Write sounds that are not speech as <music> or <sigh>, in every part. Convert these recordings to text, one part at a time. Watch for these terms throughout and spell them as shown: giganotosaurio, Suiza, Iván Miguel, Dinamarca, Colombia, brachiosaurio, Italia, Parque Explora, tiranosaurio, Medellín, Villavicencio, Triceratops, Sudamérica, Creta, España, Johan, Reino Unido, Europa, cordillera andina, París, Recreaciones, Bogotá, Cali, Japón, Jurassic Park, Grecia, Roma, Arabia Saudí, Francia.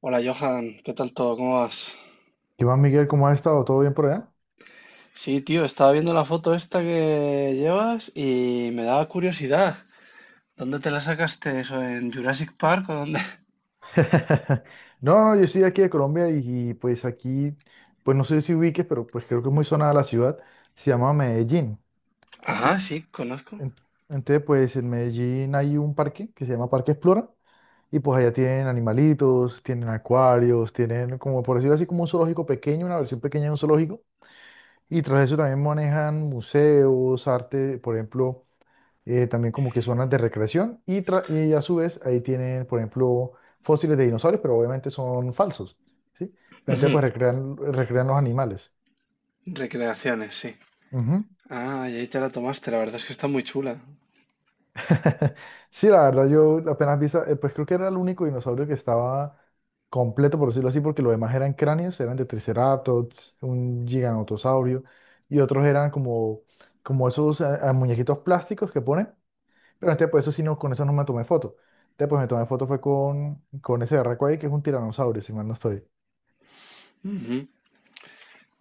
Hola Johan, ¿qué tal todo? ¿Cómo vas? Iván Miguel, ¿cómo has estado? ¿Todo bien por allá? Sí, tío, estaba viendo la foto esta que llevas y me daba curiosidad. ¿Dónde te la sacaste eso? ¿En Jurassic Park o dónde? <laughs> No, no, yo estoy aquí de Colombia pues aquí, pues no sé si ubiques, pero pues creo que es muy sonada la ciudad, se llama Medellín, <laughs> ¿sí? Ah, sí, conozco. En- Entonces, pues en Medellín hay un parque que se llama Parque Explora y pues allá tienen animalitos, tienen acuarios, tienen como por decirlo así como un zoológico pequeño, una versión pequeña de un zoológico y tras eso también manejan museos, arte, por ejemplo. También como que zonas de recreación y a su vez ahí tienen, por ejemplo, fósiles de dinosaurios, pero obviamente son falsos, ¿sí? Pero entonces Ujú. pues recrean, recrean los animales. Recreaciones, sí. Ujú. Ah, y ahí te la tomaste, la verdad es que está muy chula. <laughs> Sí, la verdad yo apenas vi, pues creo que era el único dinosaurio que estaba completo, por decirlo así, porque los demás eran cráneos, eran de Triceratops, un giganotosaurio y otros eran como, como esos muñequitos plásticos que ponen. Pero este, pues eso sí, no, con eso no me tomé foto. Este, pues me tomé foto fue con ese berraco ahí, que es un tiranosaurio, si mal no estoy. Ujú.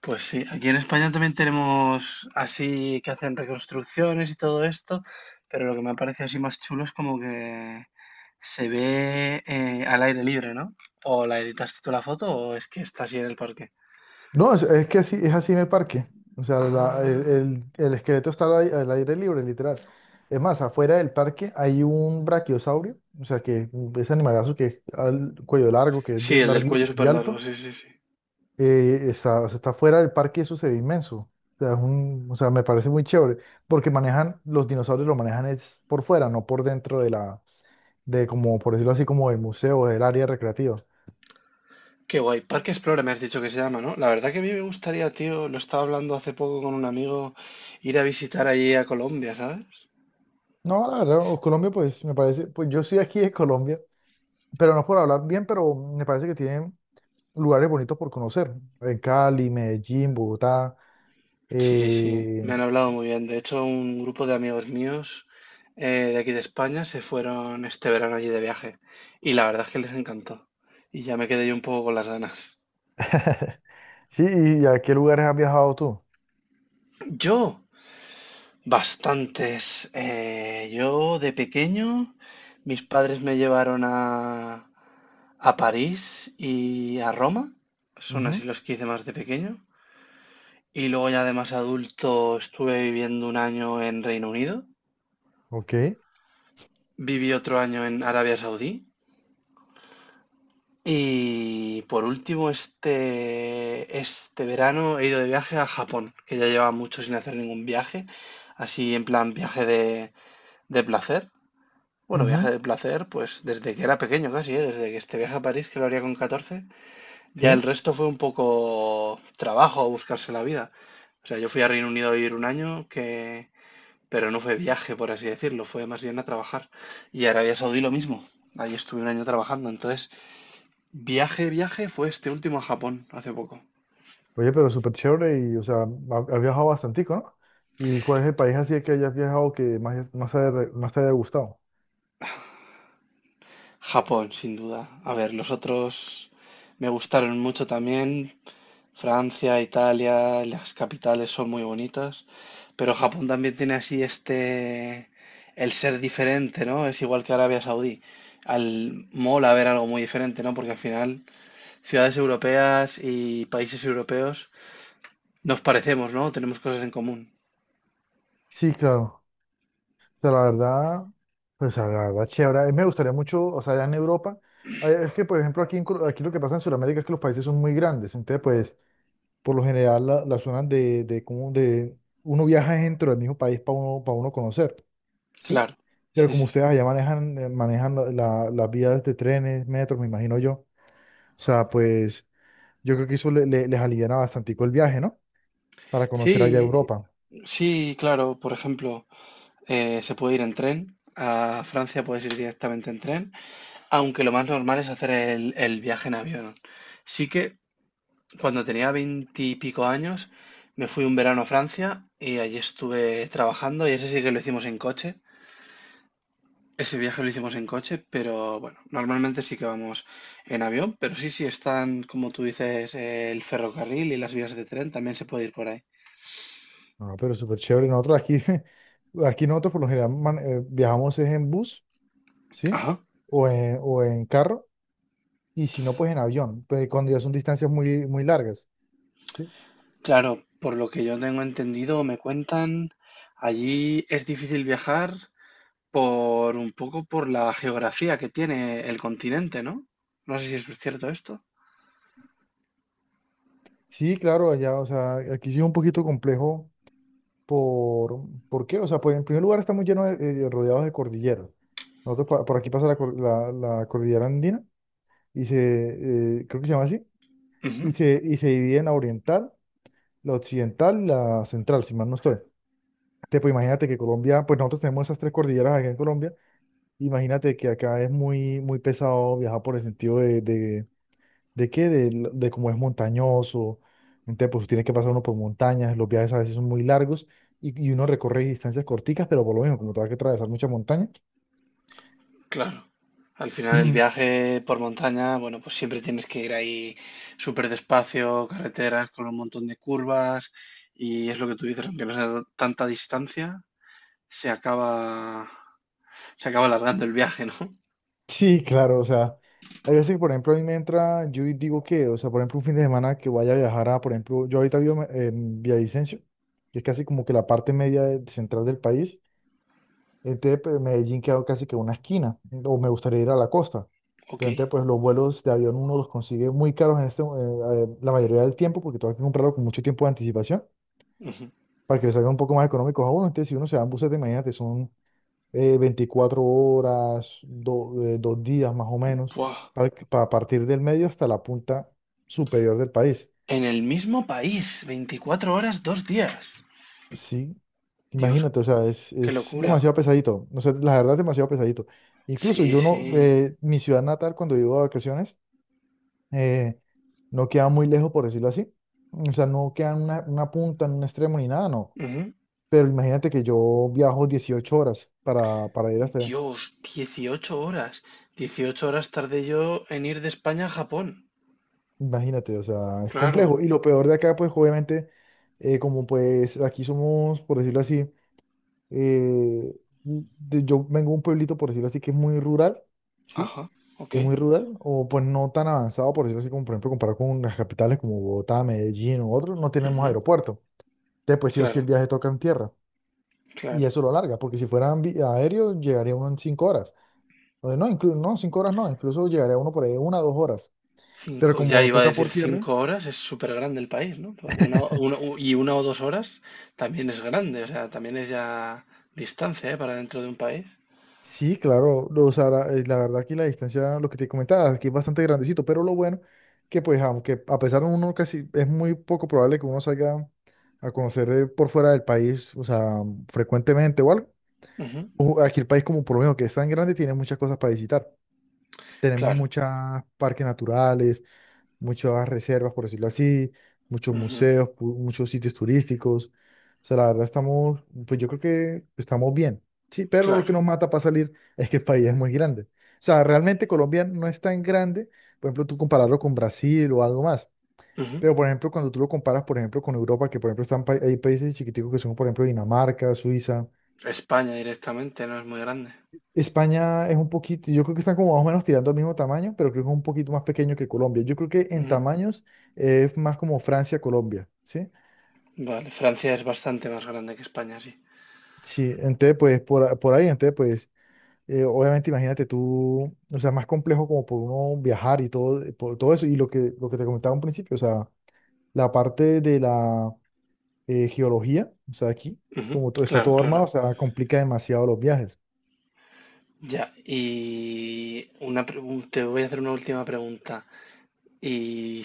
Pues sí, aquí en España también tenemos así que hacen reconstrucciones y todo esto, pero lo que me parece así más chulo es como que se ve, al aire libre, ¿no? ¿O la editaste tú la foto o es que está así en el parque? No, es que así, es así en el parque. O sea, la- el, Ah. el- el esqueleto está al aire libre, literal. Es más, afuera del parque hay un brachiosaurio, o sea, que ese animalazo que es al cuello largo, que es Sí, de el del largo cuello súper y largo, alto, sí, sí, sí. Está, o sea, está fuera del parque y eso se ve inmenso. O sea, o sea, me parece muy chévere, porque manejan, los dinosaurios lo manejan es por fuera, no por dentro de la, de como, por decirlo así, como del museo, del área recreativa. Qué guay. Parque Explora me has dicho que se llama, ¿no? La verdad que a mí me gustaría, tío, lo estaba hablando hace poco con un amigo, ir a visitar allí a Colombia, ¿sabes? No, la verdad, Colombia, pues me parece, pues yo soy aquí de Colombia, pero no es por hablar bien, pero me parece que tienen lugares bonitos por conocer. En Cali, Medellín, Bogotá. Sí, sí, me Eh, han hablado muy bien. De hecho, un grupo de amigos míos eh, de aquí de España se fueron este verano allí de viaje. Y la verdad es que les encantó. Y ya me quedé yo un poco con las ganas. <laughs> Sí, ¿y a qué lugares has viajado tú? ¡Yo! Bastantes. Yo de pequeño, mis padres me llevaron a París y a Roma. Son así Ujú. los que hice más de pequeño. Y luego ya de más adulto estuve viviendo un año en Reino Unido. Ok. Viví otro año en Arabia Saudí. Y por último, este verano he ido de viaje a Japón, que ya llevaba mucho sin hacer ningún viaje, así en plan viaje de placer. Bueno, viaje Ujú. de placer, pues desde que era pequeño casi, ¿eh? Desde que este viaje a París, que lo haría con 14, ya el Sí. resto fue un poco trabajo, a buscarse la vida. O sea, yo fui a Reino Unido a vivir un año, que... pero no fue viaje, por así decirlo, fue más bien a trabajar. Y Arabia Saudí lo mismo, ahí estuve un año trabajando. Entonces, viaje fue este último a Japón, hace poco. Oye, pero súper chévere y, o sea, has viajado bastantico, ¿no? ¿Y cuál es el país así que hayas viajado que más te haya gustado? Japón, sin duda. A ver, los otros me gustaron mucho también, Francia, Italia, las capitales son muy bonitas, pero Japón también tiene así este, el ser diferente, ¿no? Es igual que Arabia Saudí. Al mola ver algo muy diferente, ¿no? Porque al final ciudades europeas y países europeos nos parecemos, ¿no? Tenemos cosas en común. Sí, claro. Sea, la verdad, pues a la verdad, chévere. A mí me gustaría mucho, o sea, allá en Europa, ah, es que, por ejemplo, aquí, en aquí lo que pasa en Sudamérica es que los países son muy grandes, entonces, pues, por lo general, las zonas como de, uno viaja dentro del mismo país para uno conocer, ¿sí? Claro, Pero sí, como sí. ustedes allá manejan las vías de trenes, metros, me imagino yo, o sea, pues, yo creo que eso les aliviana bastante el viaje, ¿no? Para conocer allá Sí, Europa. sí, claro. Por ejemplo, se puede ir en tren. A Francia puedes ir directamente en tren, aunque lo más normal es hacer el viaje en avión. Sí que cuando tenía veintipico años, me fui un verano a Francia y allí estuve trabajando y ese sí que lo hicimos en coche. Ese viaje lo hicimos en coche, pero bueno, normalmente sí que vamos en avión, pero sí, sí están, como tú dices, el ferrocarril y las vías de tren, también se puede ir por ahí. No, pero súper chévere. Nosotros aquí, <laughs> aquí nosotros por lo general viajamos es en bus, ¿sí? Ajá. O en carro, y si no, pues en avión, pues cuando ya son distancias muy, muy largas, ¿sí? Claro, por lo que yo tengo entendido, me cuentan, allí es difícil viajar por un poco por la geografía que tiene el continente, ¿no? No sé si es cierto esto. Sí, claro, allá, o sea, aquí sí es un poquito complejo por, ¿por qué? O sea, pues en primer lugar estamos llenos de, rodeados de cordilleras. Nosotros por aquí pasa la cordillera andina, creo que se llama así, Ujú. y se divide en la oriental, la occidental y la central, si mal no estoy. Pues imagínate que Colombia, pues nosotros tenemos esas tres cordilleras acá en Colombia. Imagínate que acá es muy, muy pesado viajar por el sentido de qué, de, l- de cómo es montañoso. Entonces, pues tiene que pasar uno por montañas, los viajes a veces son muy largos uno recorre distancias corticas, pero por lo mismo, como te vas que atravesar mucha montaña. Claro. Al final el <clears throat> viaje por montaña, bueno, pues siempre tienes que ir ahí súper despacio, carreteras con un montón de curvas y es lo que tú dices, aunque no sea tanta distancia, se acaba, se acaba alargando el viaje, ¿no? <laughs> Sí, claro, o sea, hay veces que, por ejemplo, a mí me entra, yo digo que, o sea, por ejemplo, un fin de semana que vaya a viajar a, por ejemplo, yo ahorita vivo en Villavicencio, que es casi como que la parte media central del país. Entonces, pues, Medellín quedó casi que una esquina, o me gustaría ir a la costa. Ok. Pero entonces, pues los vuelos de avión uno los consigue muy caros en este, la mayoría del tiempo, porque tengo que comprarlo con mucho tiempo de anticipación, Ujú. para que le salgan un poco más económicos a uno. Entonces, si uno se va en buses de mañana, te son 24 horas, 2 días más o menos, Buah. Para partir del medio hasta la punta superior del país. En el mismo país, 24 horas, 2 días. Sí, Dios, imagínate, o sea, qué es locura. demasiado pesadito, no sé, la verdad es demasiado pesadito. Incluso Sí, yo no, sí. Mi ciudad natal cuando vivo de vacaciones, eh, no queda muy lejos, por decirlo así. O sea, no queda en una punta, en un extremo ni nada, no. Ujú. Pero imagínate que yo viajo 18 horas para ir hasta allá. Dios, 18 horas. 18 horas tardé yo en ir de España a Japón. Imagínate, o sea, es Claro. complejo. Y lo peor de acá, pues obviamente, como pues aquí somos, por decirlo así, eh, yo vengo de un pueblito, por decirlo así, que es muy rural, ¿sí? Ajá, ok. Es muy rural, o pues no tan avanzado, por decirlo así, como por ejemplo comparado con las capitales como Bogotá, Medellín u otros, no tenemos Ujú. aeropuerto. Entonces, pues sí o sí el Claro, viaje toca en tierra. Y claro. eso lo alarga, porque si fuera aéreo, llegaría uno en 5 horas. O no, incluso, no, 5 horas no, incluso llegaría uno por ahí una o 2 horas. Pero Cinco, ya como iba a toca decir por tierra, 5 horas, es súper grande el país, ¿no? Pero <laughs> y una o dos horas también es grande, o sea, también es ya distancia, ¿eh? Para dentro de un país. Sí, claro, o sea, la verdad aquí la distancia, lo que te comentaba, aquí es bastante grandecito, pero lo bueno que pues aunque a pesar de uno casi, es muy poco probable que uno salga a conocer por fuera del país, o sea, frecuentemente o algo, Ujú. o aquí el país como por lo menos que es tan grande, tiene muchas cosas para visitar. Tenemos Claro, muchos parques naturales, muchas reservas, por decirlo así, muchos ujú, museos, muchos sitios turísticos. O sea, la verdad estamos, pues yo creo que estamos bien, sí, pero lo que claro. nos mata para salir <laughs> es que el país es muy grande. O sea, realmente Colombia no es tan grande, por ejemplo, tú compararlo con Brasil o algo más. Ujú. Pero, por ejemplo, cuando tú lo comparas, por ejemplo, con Europa, que por ejemplo están hay países chiquiticos que son, por ejemplo, Dinamarca, Suiza. España directamente no es muy grande. España es un poquito, yo creo que están como más o menos tirando al mismo tamaño, pero creo que es un poquito más pequeño que Colombia. Yo creo que en Ujú. tamaños es más como Francia, Colombia, ¿sí? Vale, Francia es bastante más grande que España, sí. Sí, entonces pues por, por ahí, entonces pues obviamente imagínate tú, o sea, más complejo como por uno viajar y todo, por todo eso, y lo que te comentaba un principio, o sea, la parte de la geología, o sea, aquí, Ujú. como todo está Claro, todo armado, claro. o sea, complica demasiado los viajes. Ya, te voy a hacer una última pregunta. Y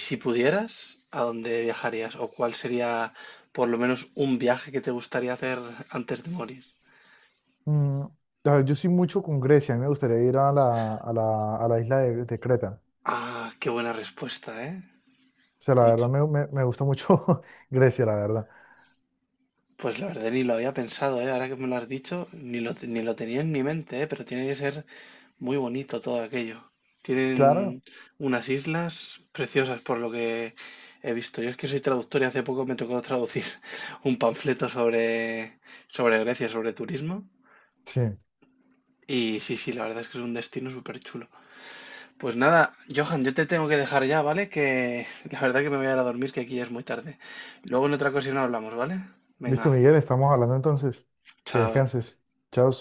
si pudieras, ¿a dónde viajarías? ¿O cuál sería por lo menos un viaje que te gustaría hacer antes de morir? Mm, a ver, yo soy mucho con Grecia, a mí me gustaría ir a la isla de Creta. Ah, qué buena respuesta, ¿eh? O sea, la Muy verdad ch- me gusta mucho <laughs> Grecia, la verdad. pues la verdad ni lo había pensado, ¿eh? Ahora que me lo has dicho, ni lo tenía en mi mente, ¿eh? Pero tiene que ser muy bonito todo aquello. Claro, Tienen unas islas preciosas por lo que he visto. Yo es que soy traductor y hace poco me tocó traducir <laughs> un panfleto sobre Grecia, sobre turismo. sí. Y sí, sí, la verdad es que es un destino súper chulo. Pues nada, Johan, yo te tengo que dejar ya, ¿vale? Que la verdad que me voy a ir a dormir, que aquí ya es muy tarde. Luego en otra ocasión hablamos, ¿vale? Listo, Venga, Miguel, estamos hablando entonces. Que chao. descanses. Chao.